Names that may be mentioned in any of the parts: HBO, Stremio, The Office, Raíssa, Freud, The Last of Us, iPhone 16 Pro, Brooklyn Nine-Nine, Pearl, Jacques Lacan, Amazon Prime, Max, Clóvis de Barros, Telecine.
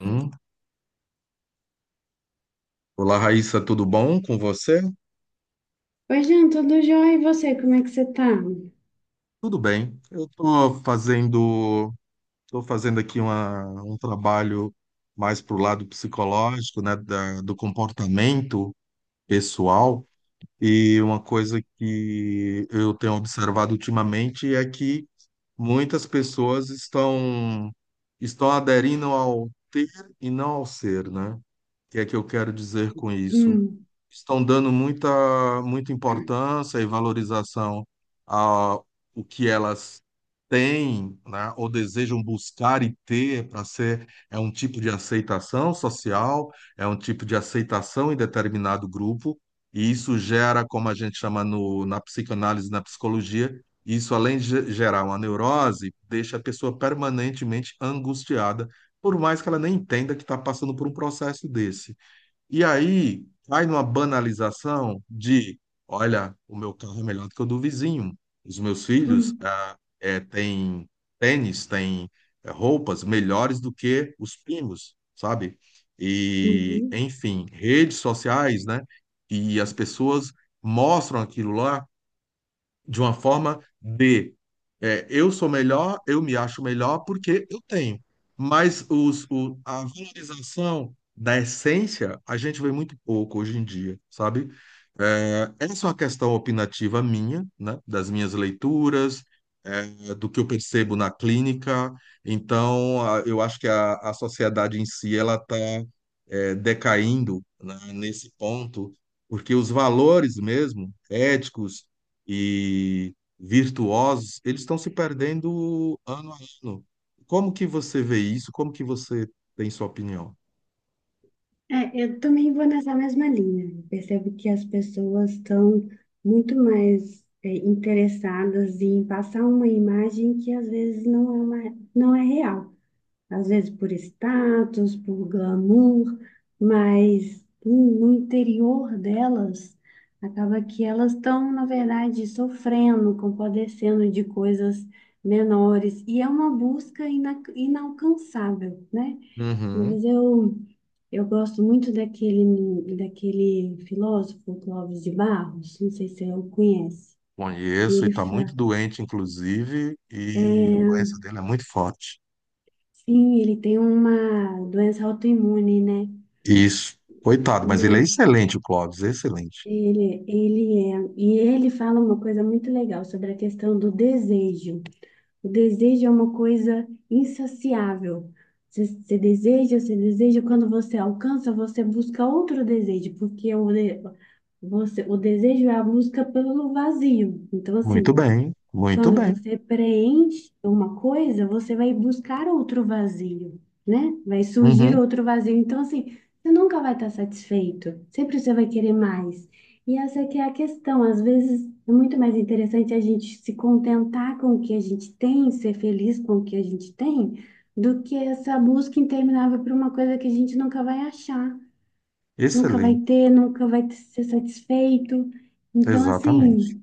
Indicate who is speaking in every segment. Speaker 1: Hum. Olá, Raíssa, tudo bom com você?
Speaker 2: Oi, Jean, tudo jóia? E você, como é que você tá?
Speaker 1: Tudo bem. Estou fazendo aqui um trabalho mais para o lado psicológico, né, do comportamento pessoal. E uma coisa que eu tenho observado ultimamente é que muitas pessoas estão aderindo ao ter e não ao ser, né? O que é que eu quero dizer com isso?
Speaker 2: Hum,
Speaker 1: Estão dando muita importância e valorização a o que elas têm, né, ou desejam buscar e ter para ser, é um tipo de aceitação social, é um tipo de aceitação em determinado grupo, e isso gera, como a gente chama no, na psicanálise, na psicologia, isso além de gerar uma neurose, deixa a pessoa permanentemente angustiada, por mais que ela nem entenda que está passando por um processo desse. E aí cai numa banalização de, olha, o meu carro é melhor do que o do vizinho. Os meus filhos
Speaker 2: hum,
Speaker 1: têm tênis, têm roupas melhores do que os primos, sabe? E,
Speaker 2: uhum.
Speaker 1: enfim, redes sociais, né? E as pessoas mostram aquilo lá de uma forma de é, eu sou melhor, eu me acho melhor porque eu tenho. Mas a valorização da essência a gente vê muito pouco hoje em dia, sabe? É, essa é uma questão opinativa minha, né? Das minhas leituras, é, do que eu percebo na clínica. Então, eu acho que a sociedade em si ela está decaindo, né, nesse ponto, porque os valores mesmo éticos e virtuosos, eles estão se perdendo ano a ano. Como que você vê isso? Como que você tem sua opinião?
Speaker 2: É, eu também vou nessa mesma linha. Eu percebo que as pessoas estão muito mais interessadas em passar uma imagem que às vezes não é real. Às vezes por status, por glamour, mas no interior delas, acaba que elas estão, na verdade, sofrendo, compadecendo de coisas menores, e é uma busca inalcançável, né?
Speaker 1: Uhum.
Speaker 2: Mas eu gosto muito daquele filósofo Clóvis de Barros, não sei se eu conhece. e
Speaker 1: Conheço e
Speaker 2: ele
Speaker 1: está muito
Speaker 2: fa...
Speaker 1: doente, inclusive, e
Speaker 2: é,
Speaker 1: a doença dele é muito forte.
Speaker 2: Sim, ele tem uma doença autoimune, né?
Speaker 1: Isso. Coitado, mas ele é
Speaker 2: Né?
Speaker 1: excelente, o Clóvis, excelente.
Speaker 2: E ele fala uma coisa muito legal sobre a questão do desejo. O desejo é uma coisa insaciável. Você deseja, você deseja, quando você alcança, você busca outro desejo, porque o desejo é a busca pelo vazio. Então,
Speaker 1: Muito
Speaker 2: assim,
Speaker 1: bem, muito
Speaker 2: quando
Speaker 1: bem.
Speaker 2: você preenche uma coisa, você vai buscar outro vazio, né? Vai surgir
Speaker 1: Uhum.
Speaker 2: outro vazio. Então, assim, você nunca vai estar satisfeito. Sempre você vai querer mais. E essa que é a questão. Às vezes é muito mais interessante a gente se contentar com o que a gente tem, ser feliz com o que a gente tem, do que essa busca interminável por uma coisa que a gente nunca vai achar, nunca vai
Speaker 1: Excelente,
Speaker 2: ter, nunca vai ser satisfeito. Então,
Speaker 1: exatamente.
Speaker 2: assim.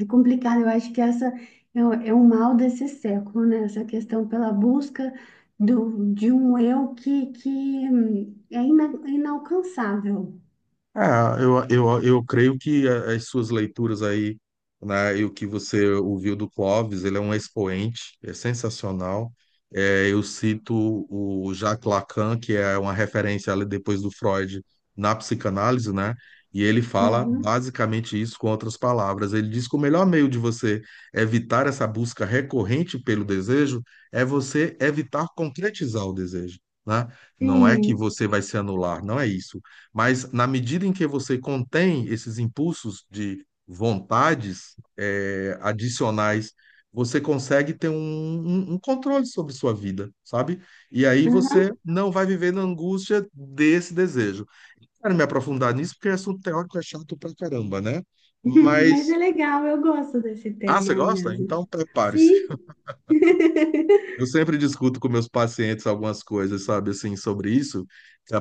Speaker 2: É complicado, eu acho que essa é o mal desse século, né? Essa questão pela busca de um eu que é inalcançável.
Speaker 1: Ah, eu creio que as suas leituras aí, né, e o que você ouviu do Clóvis, ele é um expoente, é sensacional. É, eu cito o Jacques Lacan, que é uma referência ali depois do Freud na psicanálise, né? E ele fala
Speaker 2: Uhum.
Speaker 1: basicamente isso com outras palavras. Ele diz que o melhor meio de você evitar essa busca recorrente pelo desejo é você evitar concretizar o desejo, né? Não é que
Speaker 2: Sim,
Speaker 1: você vai se anular, não é isso, mas na medida em que você contém esses impulsos de vontades adicionais, você consegue ter um, um controle sobre sua vida, sabe? E aí você
Speaker 2: aham.
Speaker 1: não vai viver na angústia desse desejo. Quero me aprofundar nisso porque assunto teórico é chato pra caramba, né?
Speaker 2: Mas é
Speaker 1: Mas,
Speaker 2: legal, eu gosto desse
Speaker 1: ah,
Speaker 2: tema
Speaker 1: você gosta?
Speaker 2: mesmo.
Speaker 1: Então prepare-se.
Speaker 2: Sim.
Speaker 1: Eu sempre discuto com meus pacientes algumas coisas, sabe, assim, sobre isso,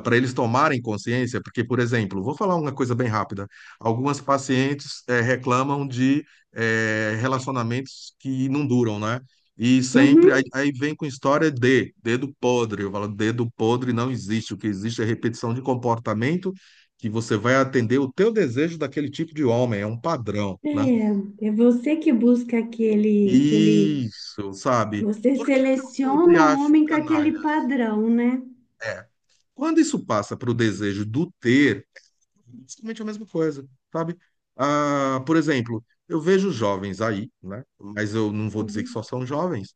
Speaker 1: para eles tomarem consciência, porque, por exemplo, vou falar uma coisa bem rápida. Algumas pacientes reclamam de relacionamentos que não duram, né? E sempre aí,
Speaker 2: Uhum.
Speaker 1: aí vem com história de dedo podre. Eu falo, dedo podre não existe. O que existe é repetição de comportamento que você vai atender o teu desejo daquele tipo de homem, é um padrão, né?
Speaker 2: É você que busca aquele,
Speaker 1: Isso, sabe?
Speaker 2: você
Speaker 1: Por que que eu sempre
Speaker 2: seleciona um
Speaker 1: acho
Speaker 2: homem com aquele
Speaker 1: canalhas?
Speaker 2: padrão, né?
Speaker 1: É. Quando isso passa para o desejo do ter, é basicamente é a mesma coisa, sabe? Ah, por exemplo, eu vejo jovens aí, né? Mas eu não vou dizer que
Speaker 2: Uhum.
Speaker 1: só são jovens,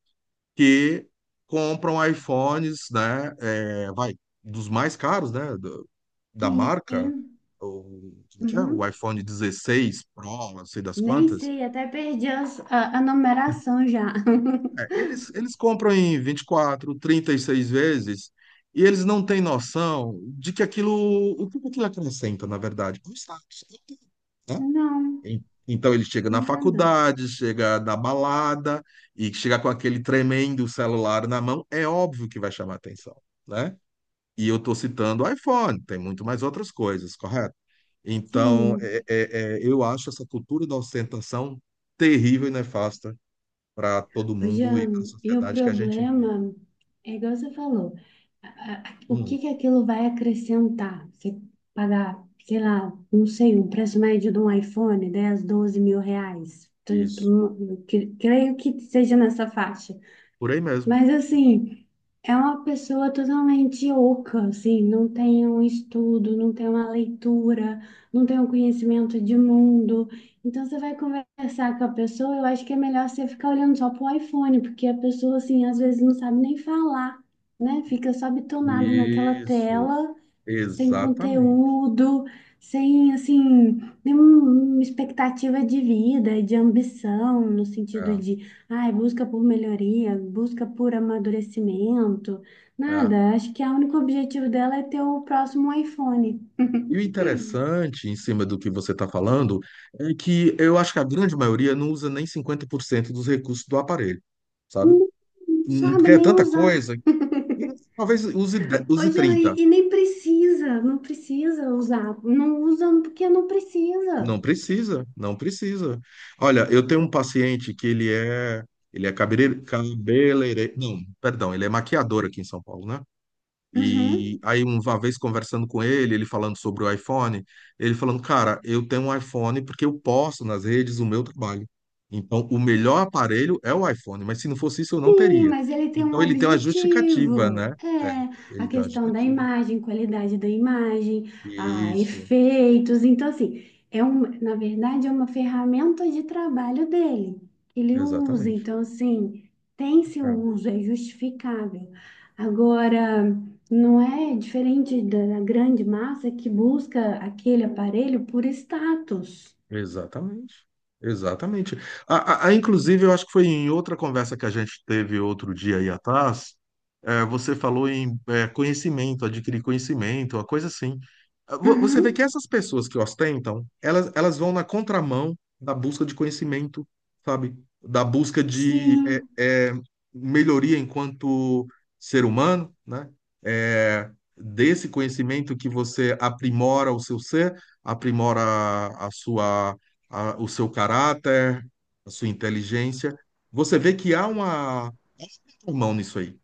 Speaker 1: que compram iPhones, né? É, vai, dos mais caros, né? Da marca,
Speaker 2: Sim.
Speaker 1: como é que é? O
Speaker 2: Uhum.
Speaker 1: iPhone 16 Pro, não sei das
Speaker 2: Nem
Speaker 1: quantas.
Speaker 2: sei, até perdi a numeração já.
Speaker 1: É, eles compram em 24 36 vezes e eles não têm noção de que aquilo, o que aquilo acrescenta, na verdade, pro status, né?
Speaker 2: Não,
Speaker 1: E- Então ele chega na
Speaker 2: nada.
Speaker 1: faculdade, chega na balada e chega com aquele tremendo celular na mão, é óbvio que vai chamar atenção, né? E eu estou citando o iPhone, tem muito mais outras coisas, correto? Então,
Speaker 2: Sim,
Speaker 1: eu acho essa cultura da ostentação terrível e nefasta para todo
Speaker 2: ô,
Speaker 1: mundo e para a
Speaker 2: Jean, e o
Speaker 1: sociedade que a gente vive.
Speaker 2: problema é igual você falou, o
Speaker 1: Hum,
Speaker 2: que que aquilo vai acrescentar? Você pagar, sei lá, não sei, um preço médio de um iPhone, 10 12 mil reais.
Speaker 1: isso.
Speaker 2: Creio que seja nessa faixa.
Speaker 1: Por aí mesmo.
Speaker 2: Mas assim, é uma pessoa totalmente oca, assim, não tem um estudo, não tem uma leitura, não tem um conhecimento de mundo. Então você vai conversar com a pessoa, eu acho que é melhor você ficar olhando só pro iPhone, porque a pessoa assim, às vezes não sabe nem falar, né? Fica só bitonada naquela
Speaker 1: Isso.
Speaker 2: tela sem
Speaker 1: Exatamente.
Speaker 2: conteúdo, sem, assim, nenhuma expectativa de vida, de ambição, no sentido
Speaker 1: É,
Speaker 2: de, ai, busca por melhoria, busca por amadurecimento,
Speaker 1: é.
Speaker 2: nada. Acho que o único objetivo dela é ter o próximo iPhone.
Speaker 1: E o interessante, em cima do que você está falando, é que eu acho que a grande maioria não usa nem 50% dos recursos do aparelho, sabe?
Speaker 2: Não sabe
Speaker 1: Porque é
Speaker 2: nem
Speaker 1: tanta
Speaker 2: usar.
Speaker 1: coisa. E talvez use,
Speaker 2: Ô,
Speaker 1: use
Speaker 2: Jean,
Speaker 1: 30.
Speaker 2: e nem precisa, não precisa usar. Não usa porque não
Speaker 1: Não
Speaker 2: precisa.
Speaker 1: precisa, não precisa. Olha, eu tenho um paciente que ele é cabeleireiro, cabeleireiro, não, perdão, ele é maquiador aqui em São Paulo, né? E
Speaker 2: Uhum.
Speaker 1: aí, uma vez conversando com ele, ele falando sobre o iPhone, ele falando, cara, eu tenho um iPhone porque eu posto nas redes o meu trabalho. Então, o melhor aparelho é o iPhone, mas se não fosse isso, eu não
Speaker 2: Sim,
Speaker 1: teria.
Speaker 2: mas ele tem um
Speaker 1: Então, ele tem uma justificativa,
Speaker 2: objetivo.
Speaker 1: né? É,
Speaker 2: É a
Speaker 1: ele tem uma
Speaker 2: questão da
Speaker 1: justificativa.
Speaker 2: imagem, qualidade da imagem, a
Speaker 1: Isso,
Speaker 2: efeitos. Então, assim, na verdade, é uma ferramenta de trabalho dele que ele usa,
Speaker 1: exatamente.
Speaker 2: então, assim, tem seu
Speaker 1: É.
Speaker 2: uso, é justificável. Agora, não é diferente da grande massa que busca aquele aparelho por status.
Speaker 1: Exatamente. Exatamente. Inclusive, eu acho que foi em outra conversa que a gente teve outro dia aí atrás, você falou em conhecimento, adquirir conhecimento, uma coisa assim. Ah, você
Speaker 2: Uhum,
Speaker 1: vê que essas pessoas que ostentam, elas vão na contramão da busca de conhecimento, sabe? Da busca de
Speaker 2: sim,
Speaker 1: melhoria enquanto ser humano, né? Eh, desse conhecimento que você aprimora o seu ser, aprimora a sua, o seu caráter, a sua inteligência. Você vê que há uma um mão nisso aí,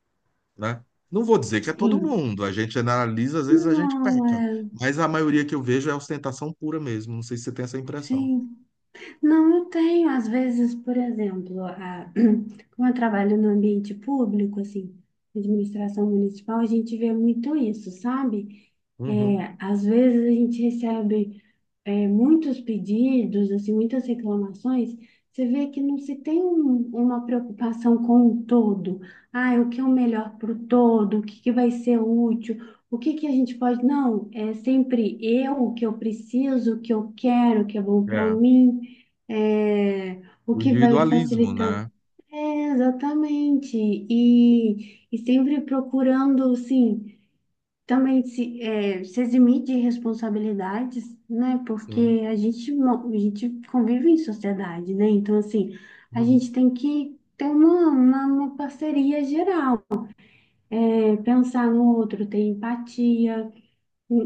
Speaker 1: né? Não vou dizer que é todo
Speaker 2: sim.
Speaker 1: mundo, a gente analisa, às vezes a gente
Speaker 2: Não,
Speaker 1: peca,
Speaker 2: é.
Speaker 1: mas a maioria que eu vejo é ostentação pura mesmo. Não sei se você tem essa impressão.
Speaker 2: Sim. Não, eu tenho. Às vezes, por exemplo, como eu trabalho no ambiente público, assim, administração municipal, a gente vê muito isso, sabe?
Speaker 1: Uhum.
Speaker 2: É, às vezes a gente recebe muitos pedidos, assim, muitas reclamações, você vê que não se tem uma preocupação com o todo. Ah, o que é o melhor para o todo? O que que vai ser útil? O que que a gente pode. Não, é sempre eu, o que eu preciso, o que eu quero, o que é bom para
Speaker 1: É,
Speaker 2: mim, é, o
Speaker 1: o
Speaker 2: que vai
Speaker 1: individualismo,
Speaker 2: facilitar.
Speaker 1: né?
Speaker 2: É, exatamente. E sempre procurando, sim também se eximir de responsabilidades, né?
Speaker 1: Sim.
Speaker 2: Porque a gente convive em sociedade, né? Então, assim, a
Speaker 1: Uhum.
Speaker 2: gente tem que ter uma parceria geral, pensar no outro, ter empatia.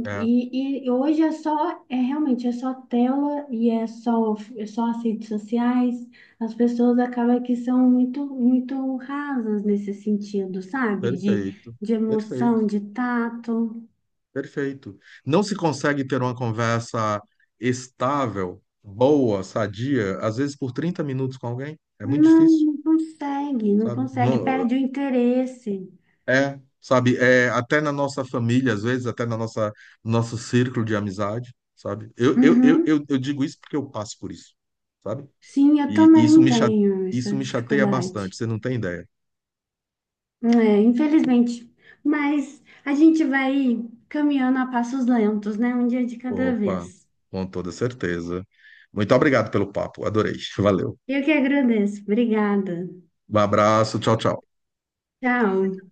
Speaker 1: É,
Speaker 2: E hoje é realmente, é só tela e é só as redes sociais. As pessoas acabam que são muito, muito rasas nesse sentido, sabe? De,
Speaker 1: perfeito,
Speaker 2: de
Speaker 1: perfeito.
Speaker 2: emoção, de tato.
Speaker 1: Perfeito. Não se consegue ter uma conversa estável, boa, sadia, às vezes por 30 minutos com alguém. É muito
Speaker 2: Não,
Speaker 1: difícil,
Speaker 2: não consegue, não
Speaker 1: sabe?
Speaker 2: consegue,
Speaker 1: Não-
Speaker 2: perde o interesse.
Speaker 1: é, sabe? É, até na nossa família, às vezes, até na nossa nosso círculo de amizade, sabe? Eu, eu, eu,
Speaker 2: Uhum.
Speaker 1: eu, eu digo isso porque eu passo por isso, sabe?
Speaker 2: Sim, eu
Speaker 1: E
Speaker 2: também tenho
Speaker 1: isso
Speaker 2: essa
Speaker 1: me chateia bastante,
Speaker 2: dificuldade.
Speaker 1: você não tem ideia.
Speaker 2: É, infelizmente. Mas a gente vai caminhando a passos lentos, né? Um dia de cada
Speaker 1: Opa,
Speaker 2: vez.
Speaker 1: com toda certeza. Muito obrigado pelo papo, adorei. Valeu.
Speaker 2: Eu que agradeço. Obrigada.
Speaker 1: Um abraço, tchau, tchau.
Speaker 2: Tchau.